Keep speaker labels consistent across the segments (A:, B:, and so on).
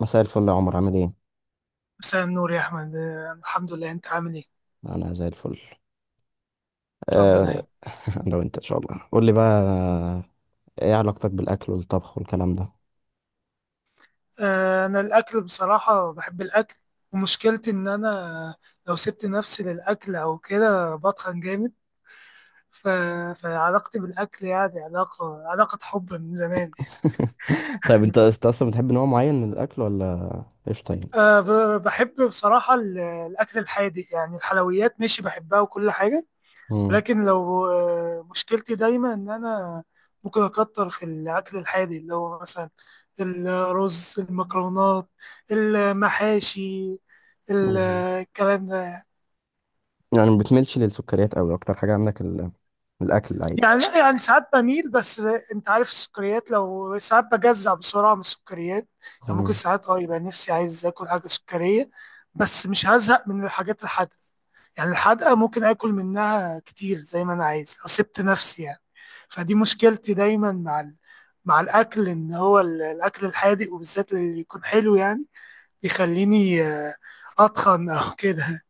A: مساء الفل يا عمر، عامل ايه؟
B: مساء النور يا أحمد، الحمد لله. أنت عامل إيه؟
A: انا زي الفل.
B: ربنا
A: أه.
B: يعين.
A: انا وانت ان شاء الله، قول لي بقى، ايه علاقتك بالاكل والطبخ والكلام ده؟
B: أنا الأكل بصراحة بحب الأكل، ومشكلتي إن أنا لو سبت نفسي للأكل أو كده بتخن جامد. ف... فعلاقتي بالأكل يعني علاقة حب من زمان
A: طيب، انت
B: يعني.
A: انت اصلا بتحب نوع معين من الاكل ولا ايش طيب؟
B: بحب بصراحة الأكل الحادق، يعني الحلويات ماشي بحبها وكل حاجة،
A: مم.
B: ولكن لو مشكلتي دايما ان انا ممكن اكتر في الاكل الحادق، اللي هو مثلا الرز، المكرونات، المحاشي، ال-
A: مم.
B: الكلام ده.
A: يعني ما بتميلش للسكريات قوي، اكتر حاجة عندك الاكل العادي؟
B: يعني لا، يعني ساعات بميل، بس انت عارف السكريات، لو ساعات بجزع بسرعة من السكريات. يعني ممكن
A: مم.
B: ساعات يبقى نفسي عايز اكل حاجة سكرية، بس مش هزهق من الحاجات الحادقة. يعني الحدقة ممكن آكل منها كتير زي ما أنا عايز لو سبت نفسي يعني. فدي مشكلتي دايما مع مع الأكل، إن هو الأكل الحادق وبالذات اللي يكون حلو يعني بيخليني أتخن أو كده.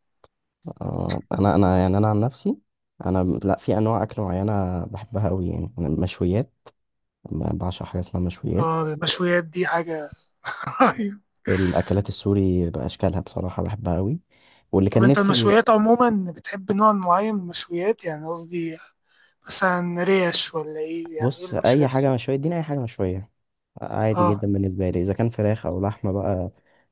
A: انا يعني انا عن نفسي، انا لا، في انواع اكل معينة بحبها قوي، يعني أنا المشويات. أنا بعشق حاجة اسمها مشويات.
B: المشويات دي حاجة رهيبة.
A: الاكلات السوري باشكالها بصراحه بحبها قوي. واللي
B: طب
A: كان
B: أنت
A: نفسي،
B: المشويات عموما بتحب نوع معين من المشويات؟ يعني قصدي مثلا ريش ولا إيه؟ يعني إيه
A: بص، اي
B: المشويات؟
A: حاجه مشويه اديني اي حاجه مشويه، عادي
B: اه
A: جدا بالنسبه لي، اذا كان فراخ او لحمه بقى.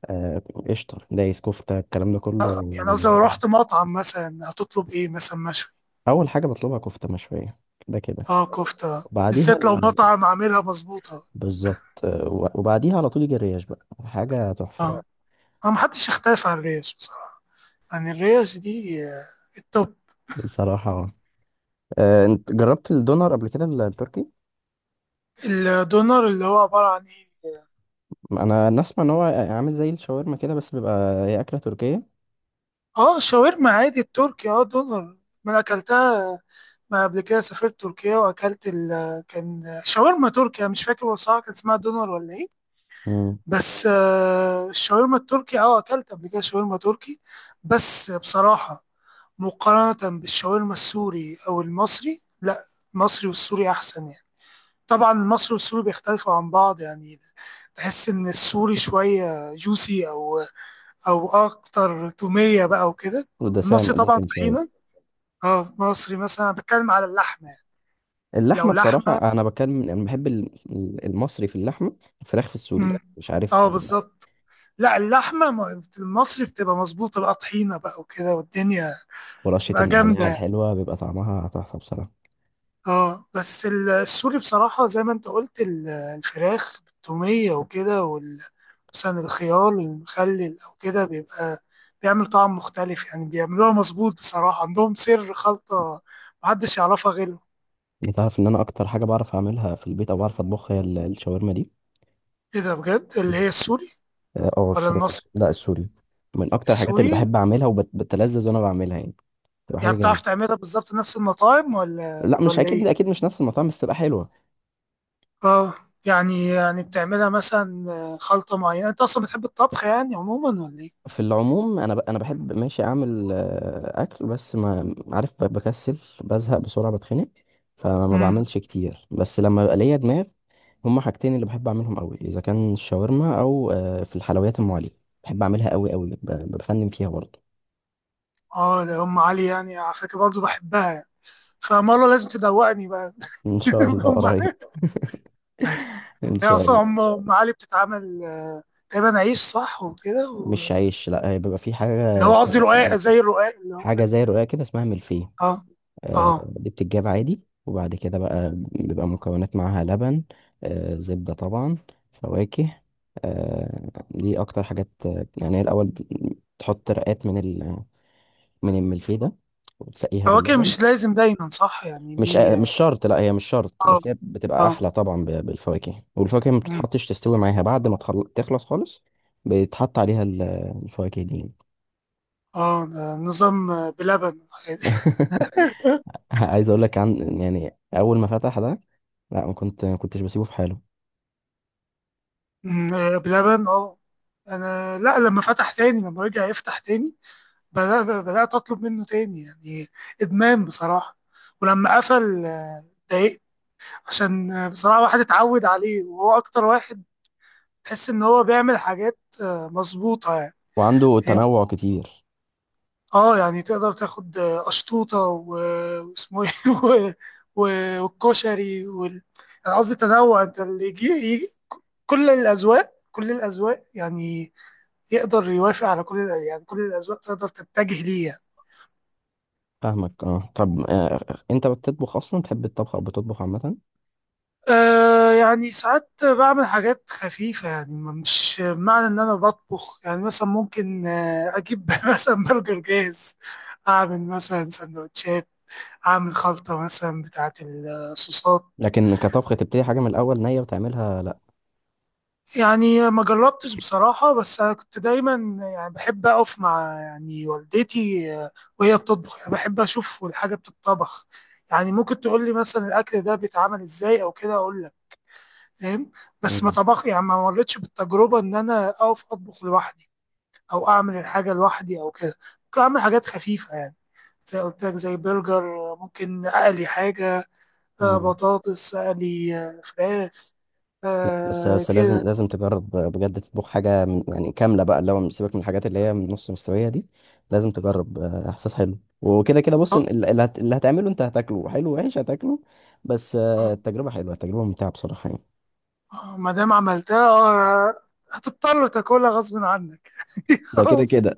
A: آه، قشطه دايس كفته الكلام ده كله
B: يعني قصدي لو
A: بالنسبه لي.
B: رحت مطعم مثلا هتطلب إيه مثلا مشوي؟
A: اول حاجه بطلبها كفته مشويه، كده كده.
B: اه كفتة
A: وبعديها
B: بالذات لو مطعم عاملها مظبوطة.
A: بالظبط، وبعديها على طول يجي الريش بقى، حاجه تحفه يعني.
B: ما محدش يختلف عن الريش بصراحة، يعني الريش دي التوب.
A: بصراحه، انت جربت الدونر قبل كده، التركي؟
B: الدونر اللي هو عبارة عن ايه؟
A: انا نسمع ان هو عامل زي الشاورما كده، بس بيبقى هي اكله تركيه.
B: اه شاورما عادي. التركي اه دونر، ما أنا اكلتها. ما قبل كده سافرت تركيا واكلت كان شاورما تركيا، مش فاكر بصراحة كان اسمها دونر ولا ايه.
A: مم.
B: بس الشاورما التركي اه اكلت قبل كده شاورما تركي، بس بصراحة مقارنة بالشاورما السوري او المصري لا، المصري والسوري احسن يعني. طبعا المصري والسوري بيختلفوا عن بعض يعني، تحس ان السوري شويه جوسي، او اكتر توميه بقى وكده. المصري
A: ودسام
B: طبعا
A: دسم شويه.
B: طحينه. اه مصري، مثلا أنا بتكلم على اللحمه يعني. لو
A: اللحمه
B: لحمه.
A: بصراحه، انا بتكلم، انا بحب المصري في اللحمه. الفراخ في السوري
B: مم.
A: مش عارف.
B: اه بالظبط. لا اللحمه المصري بتبقى مظبوطه بقى، طحينه بقى وكده والدنيا
A: ورشه
B: بتبقى
A: النعناع
B: جامده.
A: الحلوه بيبقى طعمها تحفه بصراحه.
B: اه بس السوري بصراحة زي ما انت قلت، الفراخ بالتومية وكده، مثلا الخيار المخلل او كده بيبقى بيعمل طعم مختلف يعني، بيعملوها مظبوط بصراحة، عندهم سر خلطة محدش يعرفها غيرهم.
A: انت عارف ان انا اكتر حاجه بعرف اعملها في البيت او بعرف اطبخها، هي الشاورما دي.
B: ايه ده بجد، اللي هي السوري
A: اه،
B: ولا
A: الشاورما
B: المصري؟
A: لا، السوري. من اكتر الحاجات اللي
B: السوري؟
A: بحب اعملها وبتلذذ وانا بعملها يعني. بتبقى حاجه
B: يعني
A: جميله.
B: بتعرف تعملها بالظبط نفس المطاعم ولا
A: لا، مش
B: ولا
A: اكيد.
B: ايه؟
A: اكيد مش نفس المطعم، بس بتبقى حلوه.
B: اه، يعني بتعملها مثلا خلطة معينة؟ انت اصلا بتحب الطبخ يعني عموما ولا ايه؟
A: في العموم، انا انا بحب، ماشي اعمل اكل، بس ما عارف، بكسل، بزهق بسرعه، بتخنق. فما
B: مم.
A: بعملش كتير، بس لما بقى ليا دماغ. هما حاجتين اللي بحب اعملهم قوي، اذا كان الشاورما او في الحلويات ام علي، بحب اعملها قوي قوي، بفنن فيها برضه.
B: اه ده ام علي، يعني على فكره برضه بحبها يعني، فمره لازم تدوقني بقى.
A: ان شاء الله
B: ام
A: قريب.
B: علي.
A: ان
B: هي
A: شاء
B: اصلا
A: الله.
B: أم علي بتتعمل تقريبا عيش صح وكده و-
A: مش عيش، لا، بيبقى في
B: اللي
A: حاجه
B: هو قصدي
A: اسمها،
B: رقاق، زي الرقاق اللي هو.
A: حاجه زي رقاق كده اسمها ملفيه.
B: اه. اه
A: دي بتتجاب عادي، وبعد كده بقى بيبقى مكونات معاها لبن، زبدة طبعا، فواكه. دي أكتر حاجات، يعني، هي الأول تحط رقات من من الملفيه ده وتسقيها
B: فواكه
A: باللبن.
B: مش لازم دايما صح؟ يعني دي
A: مش
B: اه.
A: شرط، لا، هي مش شرط،
B: اه.
A: بس هي بتبقى
B: اه.
A: أحلى طبعا بالفواكه، والفواكه ما
B: مم.
A: بتتحطش، تستوي معاها بعد ما تخلص خالص. بيتحط عليها الفواكه دي.
B: اه ده نظام بلبن.
A: يعني. عايز اقول لك عن، يعني، اول ما فتح ده، لا، ما كنتش بسيبه في حاله.
B: مم. بلبن اه. انا لا، لما فتح تاني، لما رجع يفتح تاني، بدأت أطلب منه تاني يعني، إدمان بصراحة. ولما قفل اتضايقت، عشان بصراحة واحد اتعود عليه، وهو أكتر واحد تحس إن هو بيعمل حاجات مظبوطة يعني.
A: وعنده
B: فاهم؟
A: تنوع كتير.
B: اه يعني تقدر تاخد أشطوطة، و- واسمه ايه و- والكشري وال... أنا قصدي تنوع، انت اللي يجي يجي. كل الأذواق كل الأذواق يعني، يقدر يوافق على كل يعني كل الأذواق تقدر تتجه ليه يعني.
A: فاهمك، اه، طب. انت بتطبخ اصلا، تحب الطبخ او بتطبخ عامه؟
B: أه يعني ساعات بعمل حاجات خفيفة، يعني مش معنى إن أنا بطبخ. يعني مثلا ممكن أجيب مثلا برجر جاهز، أعمل مثلا سندوتشات، أعمل خلطة مثلا بتاعة الصوصات.
A: لكن كطبخ تبتدي حاجه من الاول نيه وتعملها، لا.
B: يعني ما جربتش بصراحة، بس أنا كنت دايما يعني بحب أقف مع يعني والدتي وهي بتطبخ، يعني بحب أشوف الحاجة بتطبخ. يعني ممكن تقول لي مثلا الأكل ده بيتعمل إزاي أو كده، أقول فاهم. بس ما
A: مم.
B: طبخ يعني، ما مرتش بالتجربة إن أنا أقف أطبخ لوحدي، أو أعمل الحاجة لوحدي أو كده. ممكن أعمل حاجات خفيفة يعني، زي قلت لك زي برجر، ممكن أقلي حاجة
A: مم.
B: بطاطس، أقلي فراخ،
A: لا، بس
B: آه
A: بس لازم
B: كده.
A: لازم تجرب بجد، تطبخ حاجه من يعني كامله بقى، اللي هو سيبك من الحاجات اللي هي من نص مستويه دي. لازم تجرب، احساس حلو وكده كده. بص،
B: آه،
A: اللي هتعمله انت هتاكله، حلو وحش هتاكله، بس التجربه حلوه، التجربه ممتعه بصراحه يعني.
B: ما دام عملتها هتضطر تاكلها غصب عنك.
A: ده كده
B: خلاص.
A: كده.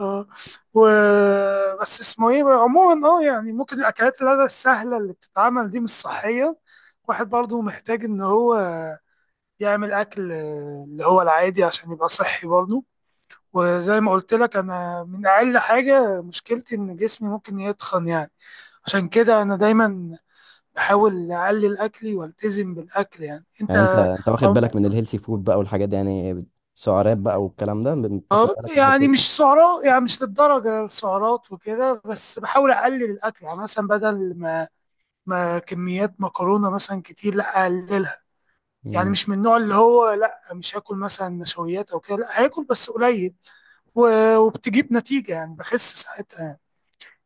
B: اه. و بس اسمه ايه بقى؟ عموما اه، يعني ممكن الاكلات اللي السهله اللي بتتعمل دي مش صحيه، واحد برضه محتاج ان هو يعمل اكل اللي هو العادي عشان يبقى صحي برضه. وزي ما قلت لك انا، من اقل حاجه مشكلتي ان جسمي ممكن يتخن يعني، عشان كده انا دايما بحاول اقلل اكلي والتزم بالاكل يعني. انت
A: يعني انت واخد بالك من الهيلثي فود بقى والحاجات دي، يعني سعرات بقى والكلام ده، بتاخد
B: اه.
A: بالك من الحتة
B: يعني
A: دي؟
B: مش سعرات، يعني مش للدرجه السعرات وكده، بس بحاول اقلل الاكل. يعني مثلا بدل ما كميات مكرونه مثلا كتير، لا اقللها. يعني
A: امم.
B: مش من النوع اللي هو لا مش هاكل مثلا نشويات او كده، لا هاكل بس قليل. وبتجيب نتيجه يعني، بخس ساعتها يعني.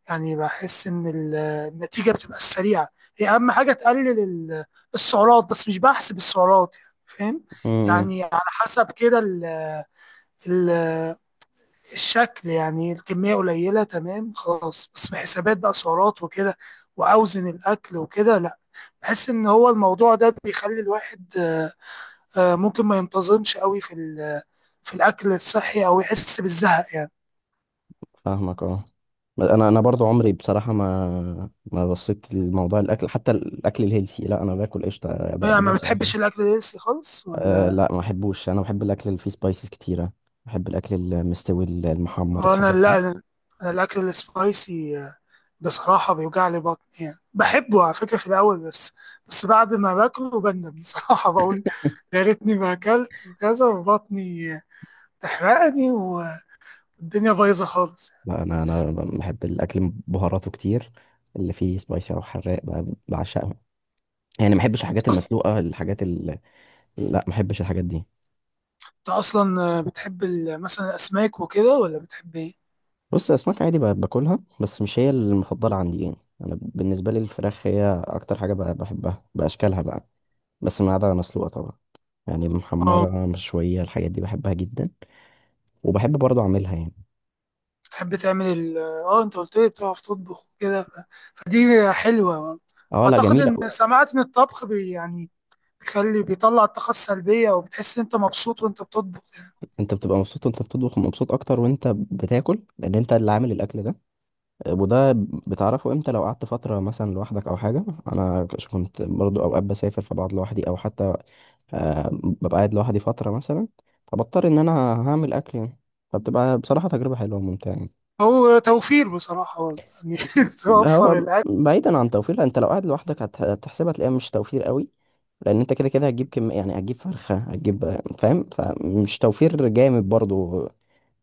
B: يعني بحس ان النتيجه بتبقى سريعه. هي اهم حاجه تقلل السعرات، بس مش بحسب السعرات يعني، فاهم؟
A: امم.
B: يعني على حسب كده ال- الشكل، يعني الكميه قليله تمام، خلاص. بس في حسابات بقى سعرات وكده، واوزن الاكل وكده، بحس ان هو الموضوع ده بيخلي الواحد ممكن ما ينتظمش قوي في في الاكل الصحي، او يحس بالزهق يعني.
A: فاهمك، اه. انا برضو عمري بصراحة ما بصيت لموضوع الاكل، حتى الاكل الهيلثي، لا، انا باكل قشطة،
B: يعني ما
A: بدوس اي حاجة.
B: بتحبش الاكل الهيلثي خالص ولا؟
A: لا، ما بحبوش. انا بحب الاكل اللي فيه سبايسز كتيرة، بحب الاكل المستوي المحمر
B: انا
A: الحاجات دي.
B: لا، أنا الاكل السبايسي بصراحة بيوجع لي بطني، يعني بحبه على فكرة في الاول، بس بس بعد ما باكله بندم بصراحة. بقول يا ريتني ما اكلت، وكذا، وبطني تحرقني، والدنيا بايظة خالص.
A: لا، انا بحب الاكل بهاراته كتير، اللي فيه سبايسي او حراق بعشقه. يعني ما بحبش الحاجات
B: أص-
A: المسلوقة، الحاجات، لا، ما بحبش الحاجات دي.
B: انت اصلا بتحب مثلا الاسماك وكده ولا بتحب ايه؟
A: بص، اسماك عادي باكلها، بس مش هي المفضله عندي يعني. انا بالنسبه لي الفراخ هي اكتر حاجه بحبها باشكالها بقى، بس ما عدا مسلوقه طبعا. يعني
B: اه
A: المحمره مشويه الحاجات دي بحبها جدا، وبحب برضه اعملها يعني.
B: تحب تعمل ال اه انت قلت لي بتعرف تطبخ وكده، فدي حلوة برضه.
A: اه، لا،
B: اعتقد
A: جميله.
B: ان سمعت ان الطبخ بي يعني بيخلي، بيطلع الطاقة السلبية، وبتحس ان انت مبسوط وانت بتطبخ يعني.
A: انت بتبقى مبسوط وانت بتطبخ، مبسوط اكتر وانت بتاكل لان انت اللي عامل الاكل ده. وده بتعرفه امتى، لو قعدت فترة مثلا لوحدك او حاجة. انا كنت برضو اوقات بسافر فبقعد لوحدي، او حتى ببقى قاعد لوحدي فترة مثلا، فبضطر ان انا هعمل اكل يعني. فبتبقى بصراحة تجربة حلوة وممتعة يعني.
B: هو توفير بصراحة برضه، يعني توفر
A: هو
B: الاكل.
A: بعيدا عن توفير، لأ، انت لو قاعد لوحدك هتحسبها، تلاقيها مش توفير قوي، لان انت كده كده هتجيب كم، يعني هتجيب فرخة، هتجيب، فاهم، فمش توفير جامد برضو.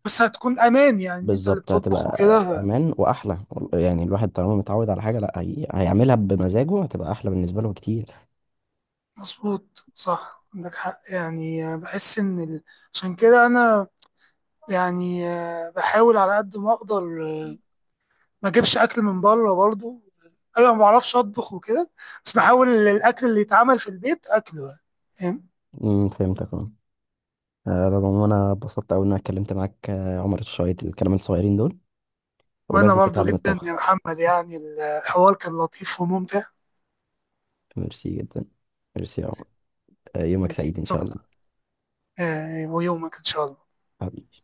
B: بس هتكون امان يعني، ان انت اللي
A: بالظبط،
B: بتطبخ
A: هتبقى
B: وكده.
A: امان واحلى. يعني الواحد طالما متعود على حاجه، لا، هيعملها بمزاجه، هتبقى احلى بالنسبه له كتير.
B: مظبوط، صح، عندك حق. يعني بحس ان عشان كده انا، يعني بحاول على قد ما اقدر ما اجيبش اكل من بره برضه. انا ما بعرفش اطبخ وكده، بس بحاول الاكل اللي يتعمل في البيت اكله يعني، فاهم؟
A: امم، فهمتك اه. رغم ان انا اتبسطت قوي ان انا اتكلمت معاك، عمر شويه الكلام الصغيرين دول،
B: وانا
A: ولازم
B: برضه
A: تتعلم
B: جدا يا
A: الطبخ.
B: محمد، يعني الحوار كان لطيف وممتع.
A: ميرسي جدا. ميرسي يا عمر. يومك سعيد ان شاء
B: شكرا.
A: الله.
B: ويومك ان شاء الله.
A: حبيبي.